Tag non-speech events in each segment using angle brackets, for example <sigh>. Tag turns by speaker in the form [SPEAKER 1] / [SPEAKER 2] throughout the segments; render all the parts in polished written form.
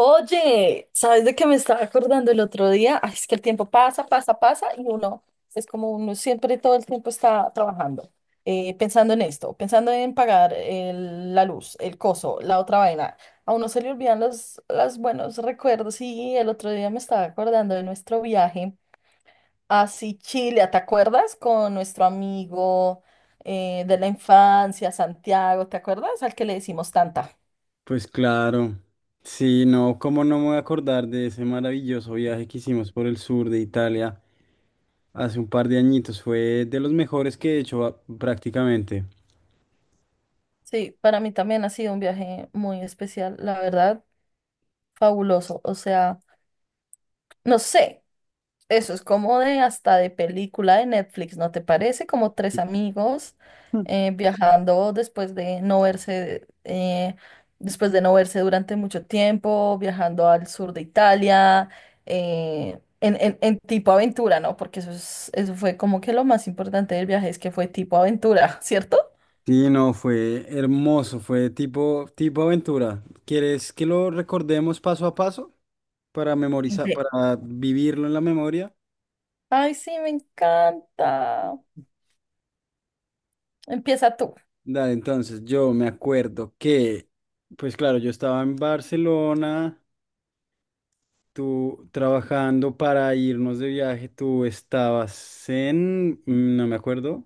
[SPEAKER 1] Oye, ¿sabes de qué me estaba acordando el otro día? Ay, es que el tiempo pasa, pasa, pasa y uno es como uno siempre todo el tiempo está trabajando, pensando en esto, pensando en pagar la luz, el coso, la otra vaina. A uno se le olvidan los buenos recuerdos y el otro día me estaba acordando de nuestro viaje a Sicilia, ¿te acuerdas? Con nuestro amigo de la infancia, Santiago, ¿te acuerdas? Al que le decimos tanta.
[SPEAKER 2] Pues claro, sí, no, cómo no me voy a acordar de ese maravilloso viaje que hicimos por el sur de Italia hace un par de añitos. Fue de los mejores que he hecho, prácticamente.
[SPEAKER 1] Sí, para mí también ha sido un viaje muy especial, la verdad, fabuloso. O sea, no sé, eso es como de hasta de película de Netflix, ¿no te parece? Como tres amigos viajando después de no verse, después de no verse durante mucho tiempo, viajando al sur de Italia, en tipo aventura, ¿no? Porque eso fue como que lo más importante del viaje es que fue tipo aventura, <laughs> ¿cierto?
[SPEAKER 2] Sí, no, fue hermoso, fue tipo aventura. ¿Quieres que lo recordemos paso a paso para memorizar,
[SPEAKER 1] De-
[SPEAKER 2] para vivirlo en la memoria?
[SPEAKER 1] Ay, sí, me encanta. Empieza tú.
[SPEAKER 2] Dale, entonces yo me acuerdo que, pues claro, yo estaba en Barcelona. Tú trabajando para irnos de viaje, tú estabas no me acuerdo.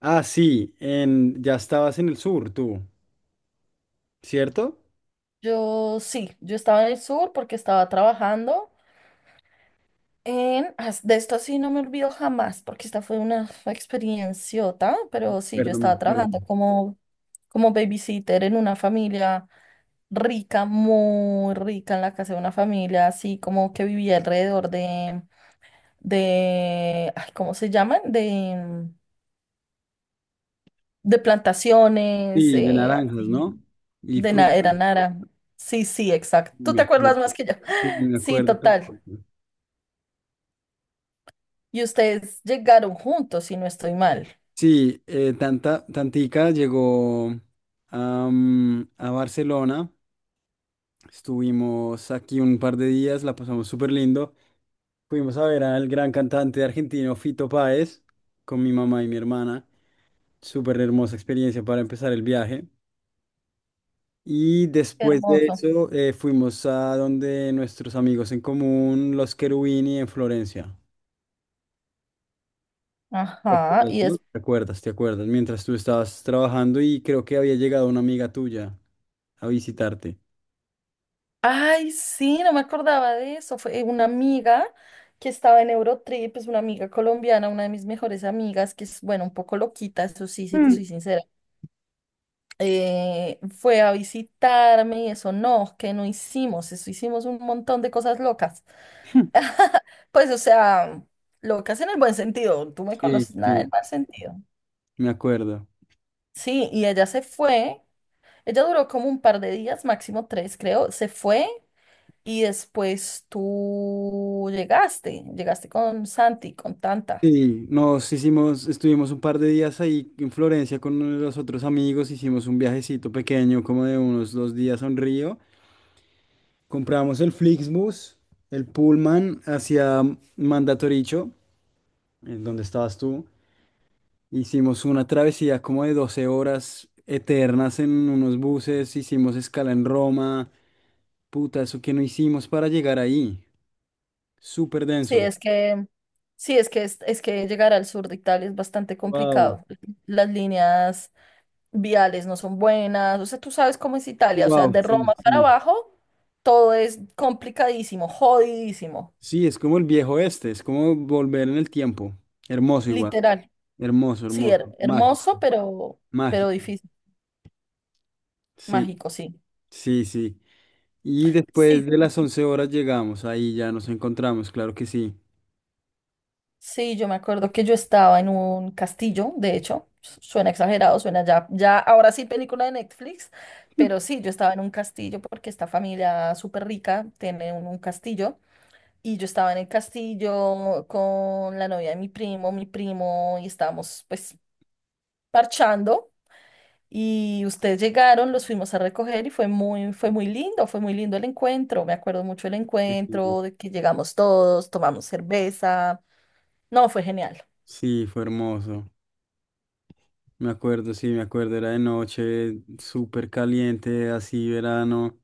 [SPEAKER 2] Ah, sí, ya estabas en el sur, tú, ¿cierto?
[SPEAKER 1] Yo sí, yo estaba en el sur porque estaba trabajando. De esto sí no me olvido jamás porque esta fue una experienciota, pero sí, yo
[SPEAKER 2] Perdón, me
[SPEAKER 1] estaba
[SPEAKER 2] acuerdo.
[SPEAKER 1] trabajando como babysitter en una familia rica, muy rica, en la casa de una familia así como que vivía alrededor de ay, ¿cómo se llaman? De plantaciones,
[SPEAKER 2] Sí, de naranjas, ¿no?
[SPEAKER 1] así.
[SPEAKER 2] Y
[SPEAKER 1] De na-
[SPEAKER 2] frutas,
[SPEAKER 1] era Nara. Sí, sí, exacto. Tú
[SPEAKER 2] me
[SPEAKER 1] te acuerdas
[SPEAKER 2] acuerdo.
[SPEAKER 1] más que yo.
[SPEAKER 2] Sí,
[SPEAKER 1] <gasps> <laughs>
[SPEAKER 2] me
[SPEAKER 1] Sí,
[SPEAKER 2] acuerdo
[SPEAKER 1] total.
[SPEAKER 2] perfecto.
[SPEAKER 1] Y ustedes llegaron juntos, si no estoy mal.
[SPEAKER 2] Sí, Tantica llegó, a Barcelona. Estuvimos aquí un par de días, la pasamos súper lindo. Fuimos a ver al gran cantante argentino Fito Páez con mi mamá y mi hermana. Súper hermosa experiencia para empezar el viaje. Y
[SPEAKER 1] Qué
[SPEAKER 2] después de
[SPEAKER 1] hermoso.
[SPEAKER 2] eso, fuimos a donde nuestros amigos en común, los Cherubini en Florencia. ¿Te
[SPEAKER 1] Ajá.
[SPEAKER 2] acuerdas,
[SPEAKER 1] Y
[SPEAKER 2] no?
[SPEAKER 1] es.
[SPEAKER 2] ¿Te acuerdas? ¿Te acuerdas? Mientras tú estabas trabajando y creo que había llegado una amiga tuya a visitarte.
[SPEAKER 1] Ay, sí, no me acordaba de eso. Fue una amiga que estaba en Eurotrip, es una amiga colombiana, una de mis mejores amigas, que es, bueno, un poco loquita, eso sí, si te soy
[SPEAKER 2] Mm.
[SPEAKER 1] sincera. Fue a visitarme y eso no, que no hicimos, eso hicimos un montón de cosas locas. Pues, o sea, locas en el buen sentido, tú me
[SPEAKER 2] Sí,
[SPEAKER 1] conoces nada
[SPEAKER 2] sí,
[SPEAKER 1] del mal sentido.
[SPEAKER 2] me acuerdo.
[SPEAKER 1] Sí, y ella se fue, ella duró como un par de días, máximo tres, creo, se fue y después tú llegaste con Santi, con Tanta.
[SPEAKER 2] Sí, nos hicimos, estuvimos un par de días ahí en Florencia con uno de los otros amigos, hicimos un viajecito pequeño, como de unos 2 días a un río. Compramos el Flixbus, el Pullman hacia Mandatoricho, en donde estabas tú. Hicimos una travesía como de 12 horas eternas en unos buses, hicimos escala en Roma. Puta, eso que no hicimos para llegar ahí. Súper
[SPEAKER 1] Sí,
[SPEAKER 2] denso.
[SPEAKER 1] es que llegar al sur de Italia es bastante
[SPEAKER 2] Wow,
[SPEAKER 1] complicado. Las líneas viales no son buenas, o sea, tú sabes cómo es Italia, o sea,
[SPEAKER 2] wow,
[SPEAKER 1] de
[SPEAKER 2] sí,
[SPEAKER 1] Roma para
[SPEAKER 2] sí.
[SPEAKER 1] abajo todo es complicadísimo, jodidísimo,
[SPEAKER 2] Sí, es como el viejo este, es como volver en el tiempo. Hermoso igual,
[SPEAKER 1] literal.
[SPEAKER 2] hermoso,
[SPEAKER 1] Sí,
[SPEAKER 2] hermoso, mágico,
[SPEAKER 1] hermoso, pero
[SPEAKER 2] mágico.
[SPEAKER 1] difícil,
[SPEAKER 2] Sí,
[SPEAKER 1] mágico, sí.
[SPEAKER 2] sí, sí. Y
[SPEAKER 1] Sí,
[SPEAKER 2] después de las 11 horas llegamos, ahí ya nos encontramos, claro que sí.
[SPEAKER 1] sí, yo me acuerdo que yo estaba en un castillo, de hecho, suena exagerado, suena ya ahora sí película de Netflix, pero sí, yo estaba en un castillo porque esta familia súper rica tiene un castillo y yo estaba en el castillo con la novia de mi primo, y estábamos pues parchando y ustedes llegaron, los fuimos a recoger y fue muy lindo, fue muy lindo el encuentro. Me acuerdo mucho el
[SPEAKER 2] Sí, sí,
[SPEAKER 1] encuentro, de que llegamos todos, tomamos cerveza. No, fue genial.
[SPEAKER 2] sí, fue hermoso. Me acuerdo, sí, me acuerdo, era de noche, súper caliente, así verano.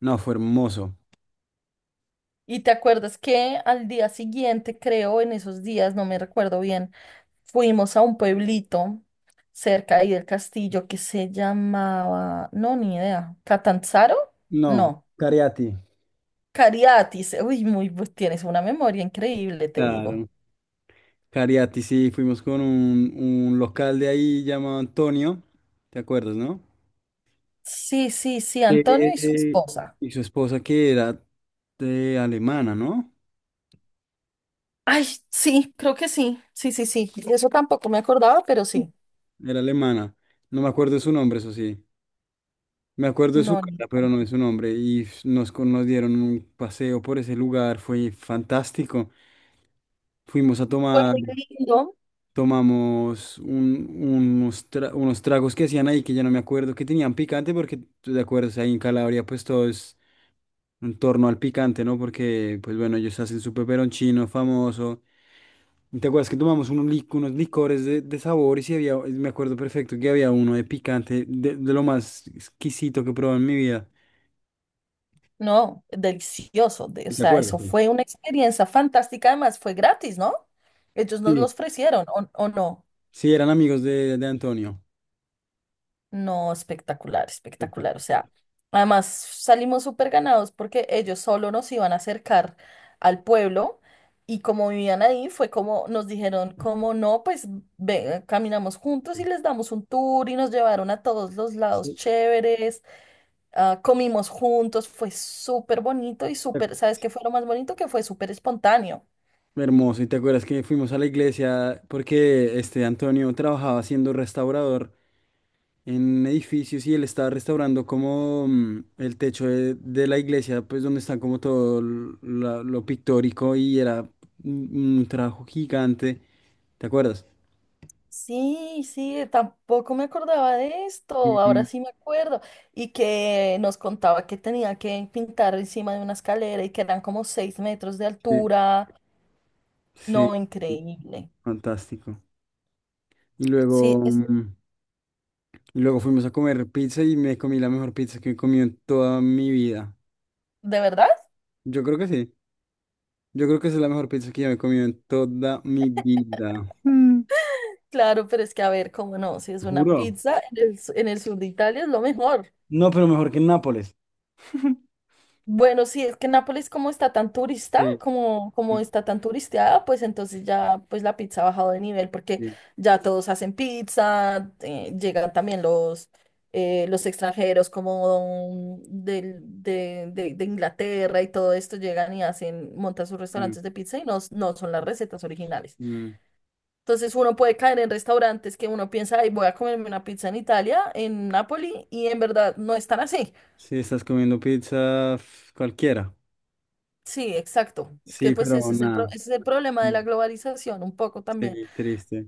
[SPEAKER 2] No, fue hermoso.
[SPEAKER 1] Y te acuerdas que al día siguiente, creo, en esos días, no me recuerdo bien, fuimos a un pueblito cerca ahí del castillo que se llamaba, no, ni idea, ¿Catanzaro?
[SPEAKER 2] No,
[SPEAKER 1] No,
[SPEAKER 2] Cariati.
[SPEAKER 1] Cariatis. Uy, tienes una memoria increíble, te digo.
[SPEAKER 2] Claro, Cariati, sí, fuimos con un local de ahí llamado Antonio, ¿te acuerdas, no?
[SPEAKER 1] Sí, sí, sí, Antonio y su
[SPEAKER 2] Eh,
[SPEAKER 1] esposa.
[SPEAKER 2] y su esposa que era de alemana, ¿no?
[SPEAKER 1] Ay, sí, creo que sí, sí, sí, sí. Eso tampoco me acordaba, pero sí.
[SPEAKER 2] Era alemana. No me acuerdo de su nombre, eso sí. Me acuerdo de su
[SPEAKER 1] No,
[SPEAKER 2] cara, pero no de su nombre. Y nos dieron un paseo por ese lugar, fue fantástico. Fuimos a
[SPEAKER 1] fue
[SPEAKER 2] tomar,
[SPEAKER 1] muy lindo,
[SPEAKER 2] tomamos unos tragos que hacían ahí, que ya no me acuerdo, que tenían picante, porque tú te acuerdas, ahí en Calabria pues todo es en torno al picante, ¿no? Porque pues bueno, ellos hacen su peperoncino famoso. ¿Te acuerdas que tomamos unos, unos licores de sabores y si había, me acuerdo perfecto que había uno de picante, de lo más exquisito que he probado en mi vida?
[SPEAKER 1] no, delicioso. de- o
[SPEAKER 2] ¿Sí? ¿Te
[SPEAKER 1] sea,
[SPEAKER 2] acuerdas?
[SPEAKER 1] eso
[SPEAKER 2] Sí,
[SPEAKER 1] fue una experiencia fantástica, además fue gratis, ¿no? Ellos nos lo
[SPEAKER 2] sí,
[SPEAKER 1] ofrecieron, ¿o no?
[SPEAKER 2] sí, eran amigos de Antonio.
[SPEAKER 1] No, espectacular,
[SPEAKER 2] Espera.
[SPEAKER 1] espectacular. O sea, además salimos súper ganados porque ellos solo nos iban a acercar al pueblo y como vivían ahí fue como nos dijeron, como no, pues caminamos juntos
[SPEAKER 2] Sí.
[SPEAKER 1] y les damos un tour y nos llevaron a todos los lados
[SPEAKER 2] Sí.
[SPEAKER 1] chéveres, ah, comimos juntos, fue súper bonito y súper, ¿sabes qué fue lo más bonito? Que fue súper espontáneo.
[SPEAKER 2] Hermoso, ¿y te acuerdas que fuimos a la iglesia porque este Antonio trabajaba siendo restaurador en edificios y él estaba restaurando como el techo de la iglesia, pues donde está como todo lo pictórico y era un trabajo gigante, ¿te acuerdas?
[SPEAKER 1] Sí, sí, tampoco me acordaba de esto, ahora
[SPEAKER 2] Ujú.
[SPEAKER 1] sí me acuerdo. Y que nos contaba que tenía que pintar encima de una escalera y que eran como 6 metros de
[SPEAKER 2] Sí,
[SPEAKER 1] altura.
[SPEAKER 2] sí,
[SPEAKER 1] No,
[SPEAKER 2] sí,
[SPEAKER 1] increíble.
[SPEAKER 2] fantástico. Y
[SPEAKER 1] Sí,
[SPEAKER 2] luego,
[SPEAKER 1] es
[SPEAKER 2] mm, y luego fuimos a comer pizza y me comí la mejor pizza que he comido en toda mi vida.
[SPEAKER 1] de verdad,
[SPEAKER 2] Yo creo que sí. Yo creo que esa es la mejor pizza que yo me he comido en toda mi vida. Mm.
[SPEAKER 1] claro, pero es que a ver, cómo no, si es una
[SPEAKER 2] Juro.
[SPEAKER 1] pizza en en el sur de Italia es lo mejor.
[SPEAKER 2] No, pero mejor que en Nápoles. <laughs>
[SPEAKER 1] Bueno, sí, es que Nápoles como está tan turista,
[SPEAKER 2] Sí. Mm,
[SPEAKER 1] como está tan turisteada, pues entonces ya pues la pizza ha bajado de nivel porque
[SPEAKER 2] sí,
[SPEAKER 1] ya todos hacen pizza, llegan también los extranjeros como de Inglaterra y todo esto, llegan y hacen, montan sus
[SPEAKER 2] sí,
[SPEAKER 1] restaurantes de pizza y no son las recetas originales.
[SPEAKER 2] mm.
[SPEAKER 1] Entonces uno puede caer en restaurantes que uno piensa, ay, voy a comerme una pizza en Italia, en Nápoles, y en verdad no están así.
[SPEAKER 2] Sí, estás comiendo pizza cualquiera.
[SPEAKER 1] Sí, exacto. Es que
[SPEAKER 2] Sí,
[SPEAKER 1] pues
[SPEAKER 2] pero nada.
[SPEAKER 1] ese es el problema de la
[SPEAKER 2] Mm,
[SPEAKER 1] globalización un poco también.
[SPEAKER 2] sí, triste.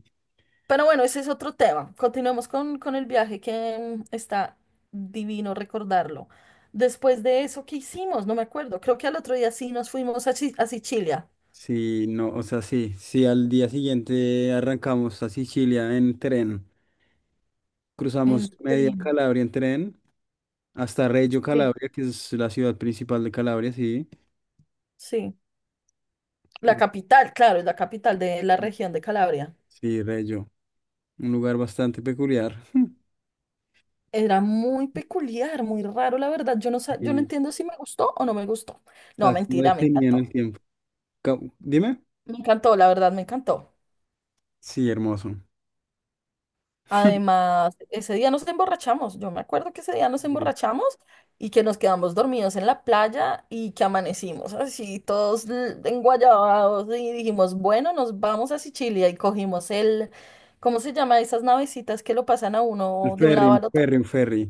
[SPEAKER 1] Pero bueno, ese es otro tema. Continuemos con el viaje que está divino recordarlo. Después de eso, ¿qué hicimos? No me acuerdo. Creo que al otro día sí nos fuimos a Sicilia.
[SPEAKER 2] Sí, no, o sea, sí, sí, al día siguiente arrancamos a Sicilia en tren, cruzamos
[SPEAKER 1] En
[SPEAKER 2] media
[SPEAKER 1] tren.
[SPEAKER 2] Calabria en tren hasta Reggio
[SPEAKER 1] Sí,
[SPEAKER 2] Calabria, que es la ciudad principal de Calabria, sí.
[SPEAKER 1] sí. La capital, claro, es la capital de la
[SPEAKER 2] Mm,
[SPEAKER 1] región de Calabria.
[SPEAKER 2] sí, Reggio. Un lugar bastante peculiar. <laughs>
[SPEAKER 1] Era muy peculiar, muy raro, la verdad. Yo no
[SPEAKER 2] Sí,
[SPEAKER 1] entiendo si me gustó o no me gustó. No,
[SPEAKER 2] está como
[SPEAKER 1] mentira, me
[SPEAKER 2] detenido en el
[SPEAKER 1] encantó.
[SPEAKER 2] tiempo. Dime.
[SPEAKER 1] Me encantó, la verdad, me encantó.
[SPEAKER 2] Sí, hermoso. <laughs>
[SPEAKER 1] Además, ese día nos emborrachamos. Yo me acuerdo que ese día nos
[SPEAKER 2] Sí.
[SPEAKER 1] emborrachamos y que nos quedamos dormidos en la playa y que amanecimos así, todos enguayabados y dijimos, bueno, nos vamos a Sicilia y cogimos el, ¿cómo se llama? Esas navecitas que lo pasan a
[SPEAKER 2] El
[SPEAKER 1] uno de un
[SPEAKER 2] ferry,
[SPEAKER 1] lado
[SPEAKER 2] un
[SPEAKER 1] al otro.
[SPEAKER 2] ferry, un ferry.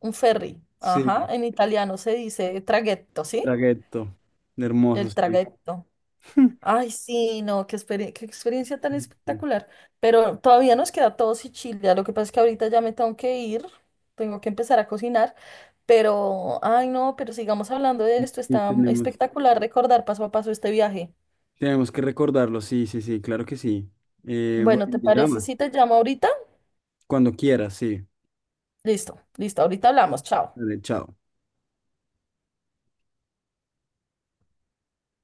[SPEAKER 1] Un ferry. Ajá,
[SPEAKER 2] Sí,
[SPEAKER 1] en italiano se dice traghetto, ¿sí?
[SPEAKER 2] traghetto. Hermoso,
[SPEAKER 1] El
[SPEAKER 2] sí.
[SPEAKER 1] traghetto.
[SPEAKER 2] <laughs>
[SPEAKER 1] Ay, sí, no, qué experiencia tan
[SPEAKER 2] Sí, sí.
[SPEAKER 1] espectacular. Pero todavía nos queda todo Sicilia. Lo que pasa es que ahorita ya me tengo que ir, tengo que empezar a cocinar. Pero, ay, no, pero sigamos hablando de esto.
[SPEAKER 2] Y
[SPEAKER 1] Está
[SPEAKER 2] tenemos,
[SPEAKER 1] espectacular recordar paso a paso este viaje.
[SPEAKER 2] tenemos que recordarlo, sí, sí, sí, claro que sí.
[SPEAKER 1] Bueno, ¿te
[SPEAKER 2] Bueno, me <laughs>
[SPEAKER 1] parece si
[SPEAKER 2] llamas
[SPEAKER 1] te llamo ahorita?
[SPEAKER 2] cuando quieras, sí.
[SPEAKER 1] Listo, listo, ahorita hablamos. Chao.
[SPEAKER 2] Vale, chao.